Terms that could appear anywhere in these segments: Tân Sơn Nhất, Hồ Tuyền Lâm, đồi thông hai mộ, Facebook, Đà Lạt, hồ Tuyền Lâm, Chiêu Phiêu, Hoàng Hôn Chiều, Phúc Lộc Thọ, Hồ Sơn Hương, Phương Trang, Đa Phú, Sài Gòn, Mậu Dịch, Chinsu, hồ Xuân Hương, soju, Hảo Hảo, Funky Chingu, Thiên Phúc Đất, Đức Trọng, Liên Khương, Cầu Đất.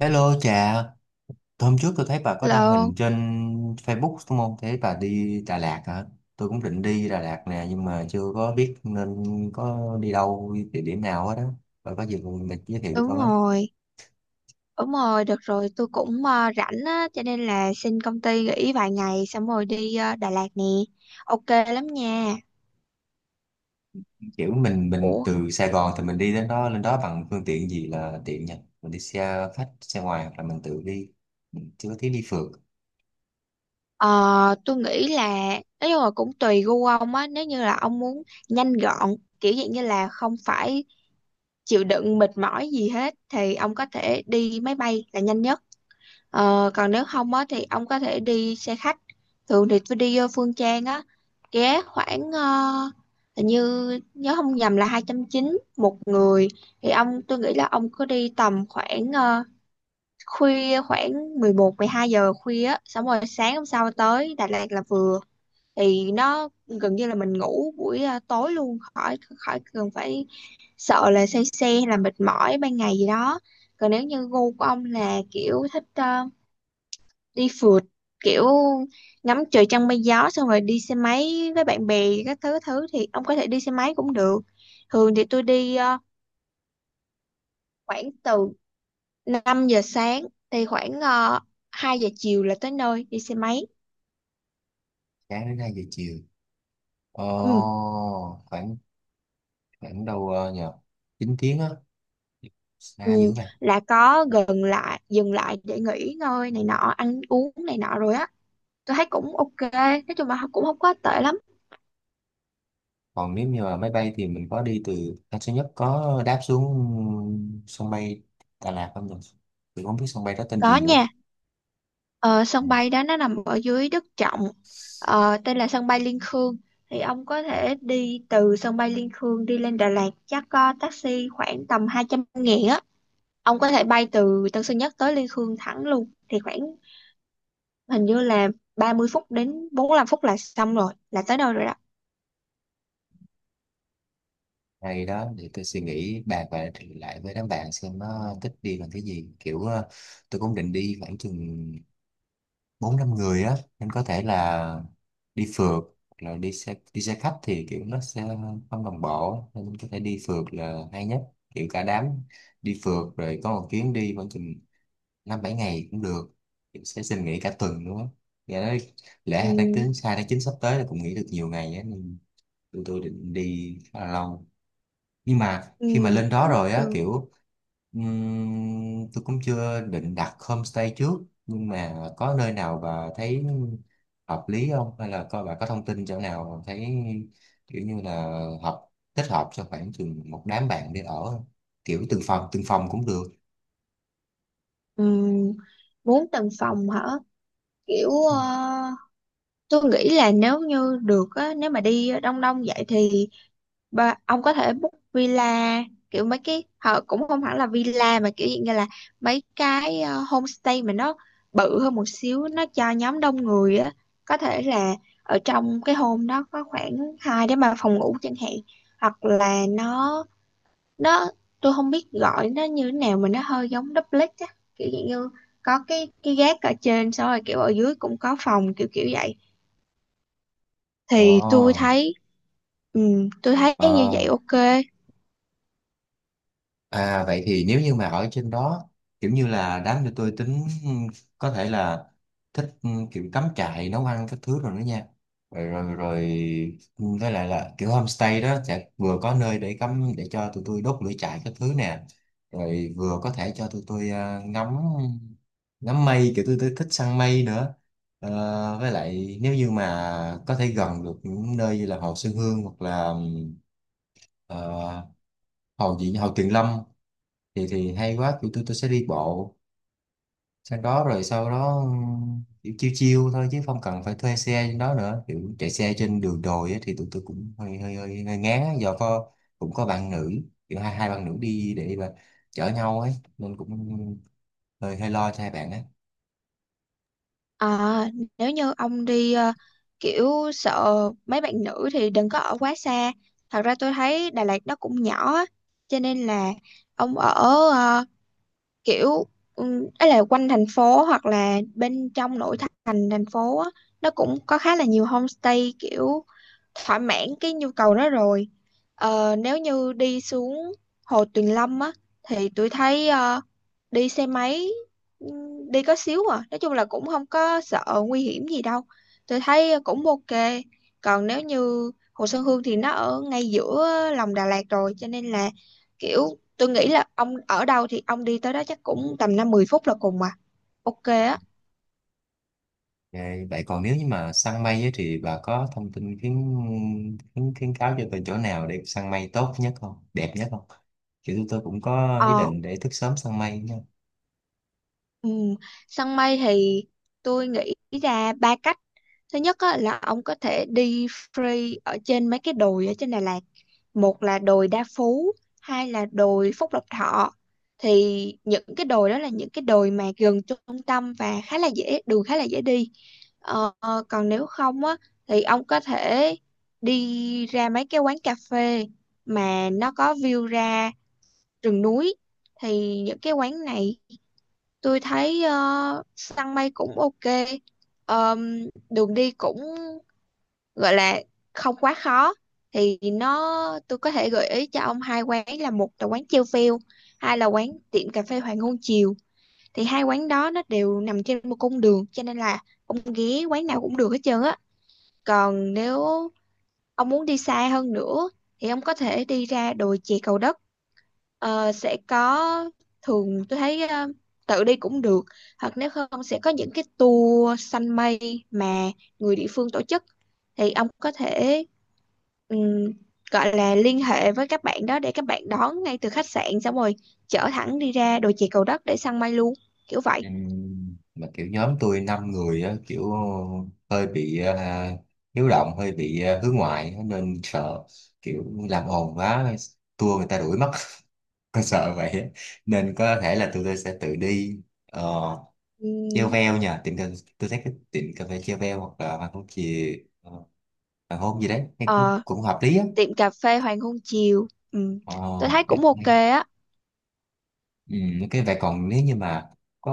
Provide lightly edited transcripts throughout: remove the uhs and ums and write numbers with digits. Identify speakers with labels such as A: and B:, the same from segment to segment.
A: Hello chị, hôm trước tôi thấy bà có đăng
B: Lộn,
A: hình trên Facebook đúng không? Thấy bà đi Đà Lạt hả? Tôi cũng định đi Đà Lạt nè nhưng mà chưa có biết nên có đi đâu, đi địa điểm nào hết đó. Bà có gì mình giới thiệu cho
B: đúng
A: tôi với.
B: rồi, đúng rồi, được rồi, tôi cũng rảnh á, cho nên là xin công ty nghỉ vài ngày xong rồi đi Đà Lạt nè. Ok lắm nha.
A: Kiểu mình
B: Ủa,
A: từ Sài Gòn thì mình đi đến đó lên đó bằng phương tiện gì là tiện nhỉ? Mình đi xe khách, xe ngoài hoặc là mình tự đi. Mình chưa có tiếng đi phượt.
B: ờ, tôi nghĩ là, nói chung là cũng tùy gu ông á, nếu như là ông muốn nhanh gọn, kiểu dạng như là không phải chịu đựng mệt mỏi gì hết, thì ông có thể đi máy bay là nhanh nhất. Ờ, còn nếu không á thì ông có thể đi xe khách, thường thì tôi đi vô Phương Trang á, ghé khoảng hình như nhớ không nhầm là 290 một người. Thì ông, tôi nghĩ là ông cứ đi tầm khoảng khuya, khoảng 11, 12 giờ khuya á, xong rồi sáng hôm sau tới Đà Lạt là vừa, thì nó gần như là mình ngủ buổi tối luôn, khỏi khỏi cần phải sợ là say xe hay là mệt mỏi ban ngày gì đó. Còn nếu như gu của ông là kiểu thích đi phượt, kiểu ngắm trời trăng mây gió xong rồi đi xe máy với bạn bè các thứ thứ thì ông có thể đi xe máy cũng được. Thường thì tôi đi khoảng từ 5 giờ sáng thì khoảng 2 giờ chiều là tới nơi, đi xe máy.
A: Sáng đến 2 giờ chiều.
B: Ừ,
A: Ồ, khoảng khoảng đâu nhờ 9 tiếng á. Xa
B: ừ,
A: dữ vậy.
B: là có gần lại dừng lại để nghỉ ngơi này nọ, ăn uống này nọ rồi á, tôi thấy cũng ok, nói chung là cũng không có tệ lắm.
A: Còn nếu như mà máy bay thì mình có đi từ Tân Sơn Nhất có đáp xuống sân bay Đà Lạt không được, mình không biết sân bay đó tên
B: Có
A: gì nữa.
B: nha. Ờ,
A: Ừ.
B: sân bay đó nó nằm ở dưới Đức Trọng, ờ, tên là sân bay Liên Khương. Thì ông có
A: À,
B: thể đi từ sân bay Liên Khương đi lên Đà Lạt, chắc có taxi khoảng tầm 200.000 á. Ông có thể bay từ Tân Sơn Nhất tới Liên Khương thẳng luôn thì khoảng, hình như là 30 phút đến 45 phút là xong rồi, là tới đâu rồi đó.
A: hay đó, để tôi suy nghĩ bàn và thì lại với đám bạn xem nó thích đi bằng cái gì, kiểu tôi cũng định đi khoảng chừng bốn năm người á nên có thể là đi phượt hoặc là đi xe khách thì kiểu nó sẽ không đồng bộ, nên có thể đi phượt là hay nhất, kiểu cả đám đi phượt rồi có một chuyến đi khoảng chừng năm bảy ngày cũng được. Em sẽ xin nghỉ cả tuần nữa. Dạ nói lễ hai tháng
B: Ừm,
A: chín hai tháng chín sắp tới là cũng nghỉ được nhiều ngày á, nên tụi tôi định đi khá là lâu, nhưng mà khi mà
B: ừm,
A: lên đó
B: cũng
A: rồi á
B: được.
A: kiểu tôi cũng chưa định đặt homestay trước, nhưng mà có nơi nào bà thấy hợp lý không, hay là coi bà có thông tin chỗ nào mà thấy kiểu như là hợp thích hợp cho khoảng chừng một đám bạn đi ở không? Kiểu từng phòng cũng được.
B: Ừm, bốn tầng phòng hả, kiểu tôi nghĩ là nếu như được á, nếu mà đi đông đông vậy thì, Ba, ông có thể book villa, kiểu mấy cái họ cũng không hẳn là villa mà kiểu dạng như là mấy cái homestay mà nó bự hơn một xíu, nó cho nhóm đông người á. Có thể là ở trong cái home đó có khoảng 2 đến 3 phòng ngủ chẳng hạn, hoặc là nó tôi không biết gọi nó như thế nào, mà nó hơi giống duplex á, kiểu dạng như có cái gác ở trên xong rồi kiểu ở dưới cũng có phòng, kiểu kiểu vậy. Thì tôi
A: Ồ,
B: thấy, ừ, tôi thấy như vậy
A: ờ.
B: ok.
A: À vậy thì nếu như mà ở trên đó kiểu như là đám cho tôi tính ừ, có thể là thích ừ, kiểu cắm trại nấu ăn các thứ rồi đó nha. Rồi rồi, rồi ừ, với lại là kiểu homestay đó sẽ vừa có nơi để cắm để cho tụi tôi đốt lửa trại các thứ nè, rồi vừa có thể cho tụi tôi ngắm ngắm mây, kiểu tôi thích săn mây nữa. Ờ, với lại nếu như mà có thể gần được những nơi như là hồ Xuân Hương hoặc là ừ, ờ, hồ gì nhỉ? Hồ Tuyền Lâm thì hay quá, tụi tôi sẽ đi bộ sang đó, rồi sau đó kiểu chiêu chiêu thôi chứ không cần phải thuê xe trên đó nữa, kiểu chạy xe trên đường đồi á, thì tụi tôi cũng hơi ngán á, do có cũng có bạn nữ, kiểu hai hai bạn nữ đi để mà chở nhau ấy, nên cũng hơi hơi lo cho hai bạn ấy.
B: À, nếu như ông đi kiểu sợ mấy bạn nữ thì đừng có ở quá xa. Thật ra tôi thấy Đà Lạt nó cũng nhỏ á, cho nên là ông ở ờ, kiểu ấy là quanh thành phố hoặc là bên trong nội thành thành phố á, nó cũng có khá là nhiều homestay kiểu thỏa mãn cái nhu cầu đó rồi. Ờ, nếu như đi xuống Hồ Tuyền Lâm á thì tôi thấy đi xe máy đi có xíu à, nói chung là cũng không có sợ nguy hiểm gì đâu, tôi thấy cũng ok. Còn nếu như Hồ Sơn Hương thì nó ở ngay giữa lòng Đà Lạt rồi, cho nên là kiểu tôi nghĩ là ông ở đâu thì ông đi tới đó chắc cũng tầm 5, 10 phút là cùng mà, ok á.
A: Vậy vậy còn nếu như mà săn mây ấy, thì bà có thông tin khuyến, khuyến khuyến cáo cho tôi chỗ nào để săn mây tốt nhất không, đẹp nhất không? Kiểu tụi tôi cũng có ý
B: Ờ,
A: định để thức sớm săn mây.
B: ừ, săn mây thì tôi nghĩ ra ba cách. Thứ nhất á, là ông có thể đi free ở trên mấy cái đồi ở trên Đà Lạt. Một là đồi Đa Phú, hai là đồi Phúc Lộc Thọ. Thì những cái đồi đó là những cái đồi mà gần trung tâm và khá là dễ, đường khá là dễ đi. Ờ, còn nếu không á, thì ông có thể đi ra mấy cái quán cà phê mà nó có view ra rừng núi. Thì những cái quán này tôi thấy săn mây cũng ok. Ờm, đường đi cũng gọi là không quá khó, thì tôi có thể gợi ý cho ông hai quán, là một là quán Chiêu Phiêu, hai là quán tiệm cà phê Hoàng Hôn Chiều. Thì hai quán đó nó đều nằm trên một cung đường, cho nên là ông ghé quán nào cũng được hết trơn á. Còn nếu ông muốn đi xa hơn nữa thì ông có thể đi ra đồi chè Cầu Đất. Ờ, sẽ có, thường tôi thấy tự đi cũng được, hoặc nếu không sẽ có những cái tour săn mây mà người địa phương tổ chức. Thì ông có thể ừm, gọi là liên hệ với các bạn đó để các bạn đón ngay từ khách sạn xong rồi chở thẳng đi ra đồi chè Cầu Đất để săn mây luôn, kiểu vậy.
A: Ừ, mà kiểu nhóm tôi năm người á, kiểu hơi bị à, hiếu động, hơi bị à, hướng ngoại á, nên sợ kiểu làm ồn quá, tua người ta đuổi mất. Tôi sợ vậy á. Nên có thể là tụi tôi sẽ tự đi ờ, treo
B: Ừm,
A: veo nha. Tôi thấy cái tiệm cà phê treo veo hoặc là hoàng hôn chì, ờ, hoàng hôn gì đấy nghe cũng,
B: ờ,
A: cũng hợp lý á.
B: tiệm cà phê Hoàng Hôn Chiều. Ừm,
A: Ờ,
B: tôi thấy cũng ok á.
A: ừ, cái vậy còn nếu như mà có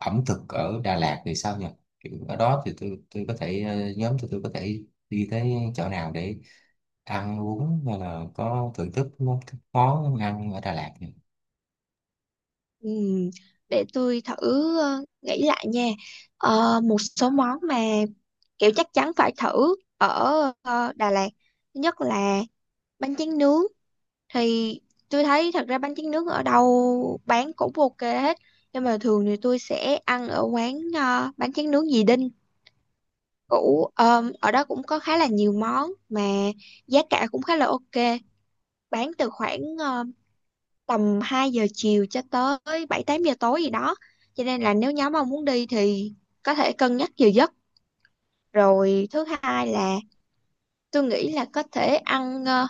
A: ẩm thực ở Đà Lạt thì sao nhỉ? Kiểu ở đó thì tôi có thể nhóm tụi tôi có thể đi tới chỗ nào để ăn uống, hay là có thưởng thức món món ăn ở Đà Lạt nhỉ?
B: Ừm, để tôi thử nghĩ lại nha. Ờ, một số món mà kiểu chắc chắn phải thử ở Đà Lạt, thứ nhất là bánh tráng nướng. Thì tôi thấy thật ra bánh tráng nướng ở đâu bán cũng ok hết, nhưng mà thường thì tôi sẽ ăn ở quán bánh tráng nướng dì Đinh cũ. Ở đó cũng có khá là nhiều món mà giá cả cũng khá là ok, bán từ khoảng tầm 2 giờ chiều cho tới 7, 8 giờ tối gì đó, cho nên là nếu nhóm ông muốn đi thì có thể cân nhắc giờ giấc. Rồi thứ hai là tôi nghĩ là có thể ăn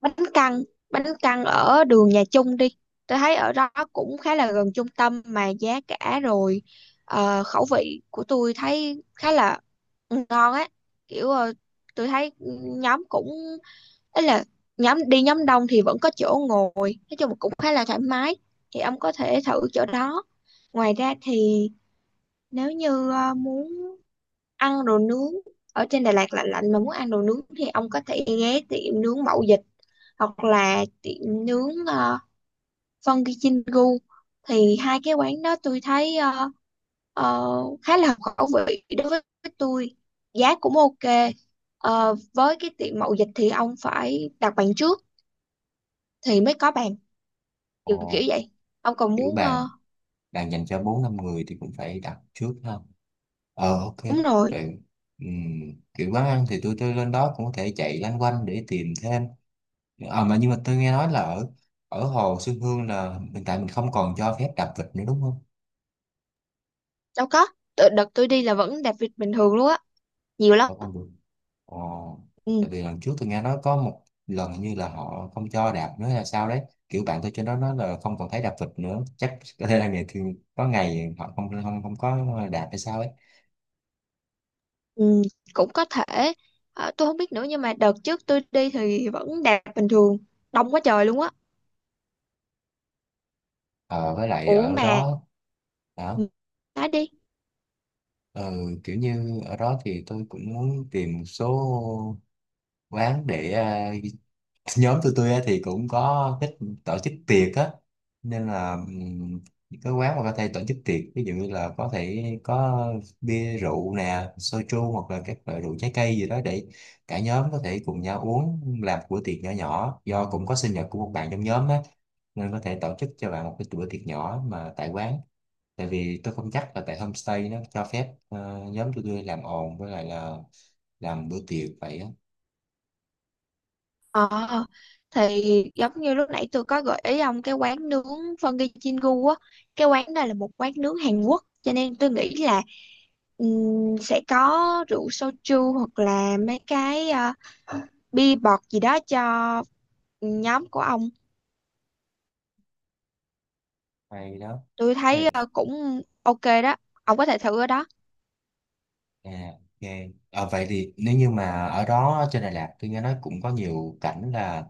B: bánh căn, bánh căn ở đường nhà Chung đi. Tôi thấy ở đó cũng khá là gần trung tâm, mà giá cả rồi khẩu vị của tôi thấy khá là ngon á, kiểu tôi thấy nhóm cũng ấy là nhóm đi nhóm đông thì vẫn có chỗ ngồi, nói chung là cũng khá là thoải mái, thì ông có thể thử chỗ đó. Ngoài ra thì nếu như muốn ăn đồ nướng ở trên Đà Lạt lạnh lạnh mà muốn ăn đồ nướng, thì ông có thể ghé tiệm nướng Mậu Dịch, hoặc là tiệm nướng Funky Chingu. Thì hai cái quán đó tôi thấy khá là hợp khẩu vị đối với tôi, giá cũng ok. Ờ, với cái tiệm Mậu Dịch thì ông phải đặt bàn trước thì mới có bàn, kiểu kiểu
A: Ồ,
B: vậy. Ông còn
A: kiểu
B: muốn
A: bà đang dành cho bốn năm người thì cũng phải đặt trước ha. Ờ ok.
B: đúng rồi.
A: Vậy, ừm, kiểu quán ăn thì tôi lên đó cũng có thể chạy loanh quanh để tìm thêm. Ờ mà nhưng mà tôi nghe nói là ở ở Hồ Xuân Hương là hiện tại mình không còn cho phép đạp vịt nữa, đúng không?
B: Đâu có. Tự- đợt tôi đi là vẫn đặt vịt bình thường luôn á, nhiều lắm.
A: Vẫn không được. Ồ,
B: Ừ.
A: tại vì lần trước tôi nghe nói có một lần hình như là họ không cho đạp nữa là sao đấy. Kiểu bạn tôi trên đó nói là không còn thấy đạp vịt nữa. Chắc có thể là ngày thường có ngày họ không không không có đạp hay sao ấy.
B: Ừ, cũng có thể. Ờ, tôi không biết nữa, nhưng mà đợt trước tôi đi thì vẫn đạt bình thường, đông quá trời luôn á.
A: Ờ với lại
B: Ủa
A: ở
B: mà,
A: đó đó
B: nói đi.
A: Ờ, kiểu như ở đó thì tôi cũng muốn tìm một số quán để à, nhóm tụi tôi á thì cũng có thích tổ chức tiệc á, nên là những cái quán mà có thể tổ chức tiệc, ví dụ như là có thể có bia rượu nè, soju hoặc là các loại rượu trái cây gì đó để cả nhóm có thể cùng nhau uống, làm một bữa tiệc nhỏ nhỏ, do cũng có sinh nhật của một bạn trong nhóm á, nên có thể tổ chức cho bạn một cái bữa tiệc nhỏ mà tại quán, tại vì tôi không chắc là tại homestay nó cho phép nhóm tụi tôi làm ồn với lại là làm bữa tiệc vậy á.
B: Ờ, thì giống như lúc nãy tôi có gợi ý ông cái quán nướng Funky Chingu á, cái quán này là một quán nướng Hàn Quốc cho nên tôi nghĩ là sẽ có rượu soju hoặc là mấy cái bia bọt gì đó cho nhóm của ông.
A: Hay đó.
B: Tôi thấy
A: Ê,
B: cũng ok đó, ông có thể thử ở đó.
A: à, ok. Ờ, vậy thì nếu như mà ở đó trên Đà Lạt, tôi nghe nói cũng có nhiều cảnh là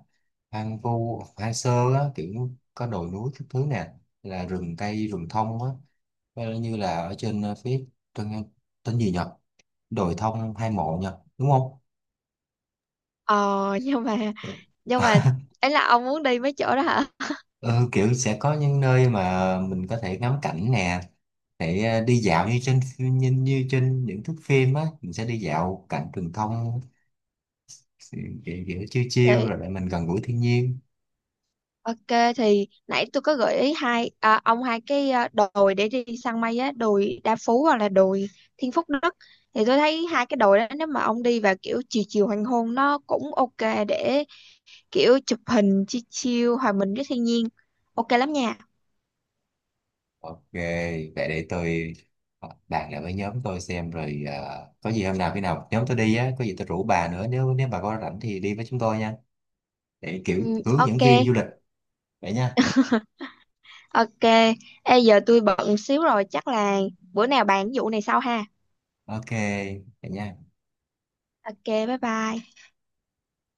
A: hoang vu hoang sơ á, kiểu có đồi núi các thứ nè, là rừng cây rừng thông á. Ờ, như là ở trên ờ, phía tôi nghe tên gì nhỉ, đồi thông hai mộ nhỉ, đúng
B: Ờ. nhưng mà nhưng
A: không?
B: mà ấy là ông muốn đi mấy chỗ đó hả?
A: Ừ, kiểu sẽ có những nơi mà mình có thể ngắm cảnh nè, để ờ, đi dạo như trên như, như trên những thước phim á, mình sẽ đi dạo cảnh rừng thông, kiểu, kiểu chiêu chiêu
B: Thì
A: rồi để mình gần gũi thiên nhiên.
B: ok, thì nãy tôi có gợi ý ông hai cái đồi để đi săn mây á, đồi Đa Phú hoặc là đồi Thiên Phúc Đất. Thì tôi thấy hai cái đồi đó, nếu mà ông đi vào kiểu chiều chiều hoàng hôn nó cũng ok, để kiểu chụp hình chill chill hòa mình với thiên nhiên, ok lắm nha.
A: Ok, vậy để tôi bàn lại với nhóm tôi xem, rồi có gì hôm nào khi nào nhóm tôi đi á, có gì tôi rủ bà nữa, nếu nếu bà có rảnh thì đi với chúng tôi nha. Để kiểu
B: Ừ,
A: hướng dẫn
B: ok.
A: viên du lịch vậy nha.
B: Ok. Ê, giờ tôi bận xíu rồi, chắc là bữa nào bàn cái vụ này sau ha.
A: Ok, vậy nha.
B: Ok, bye bye.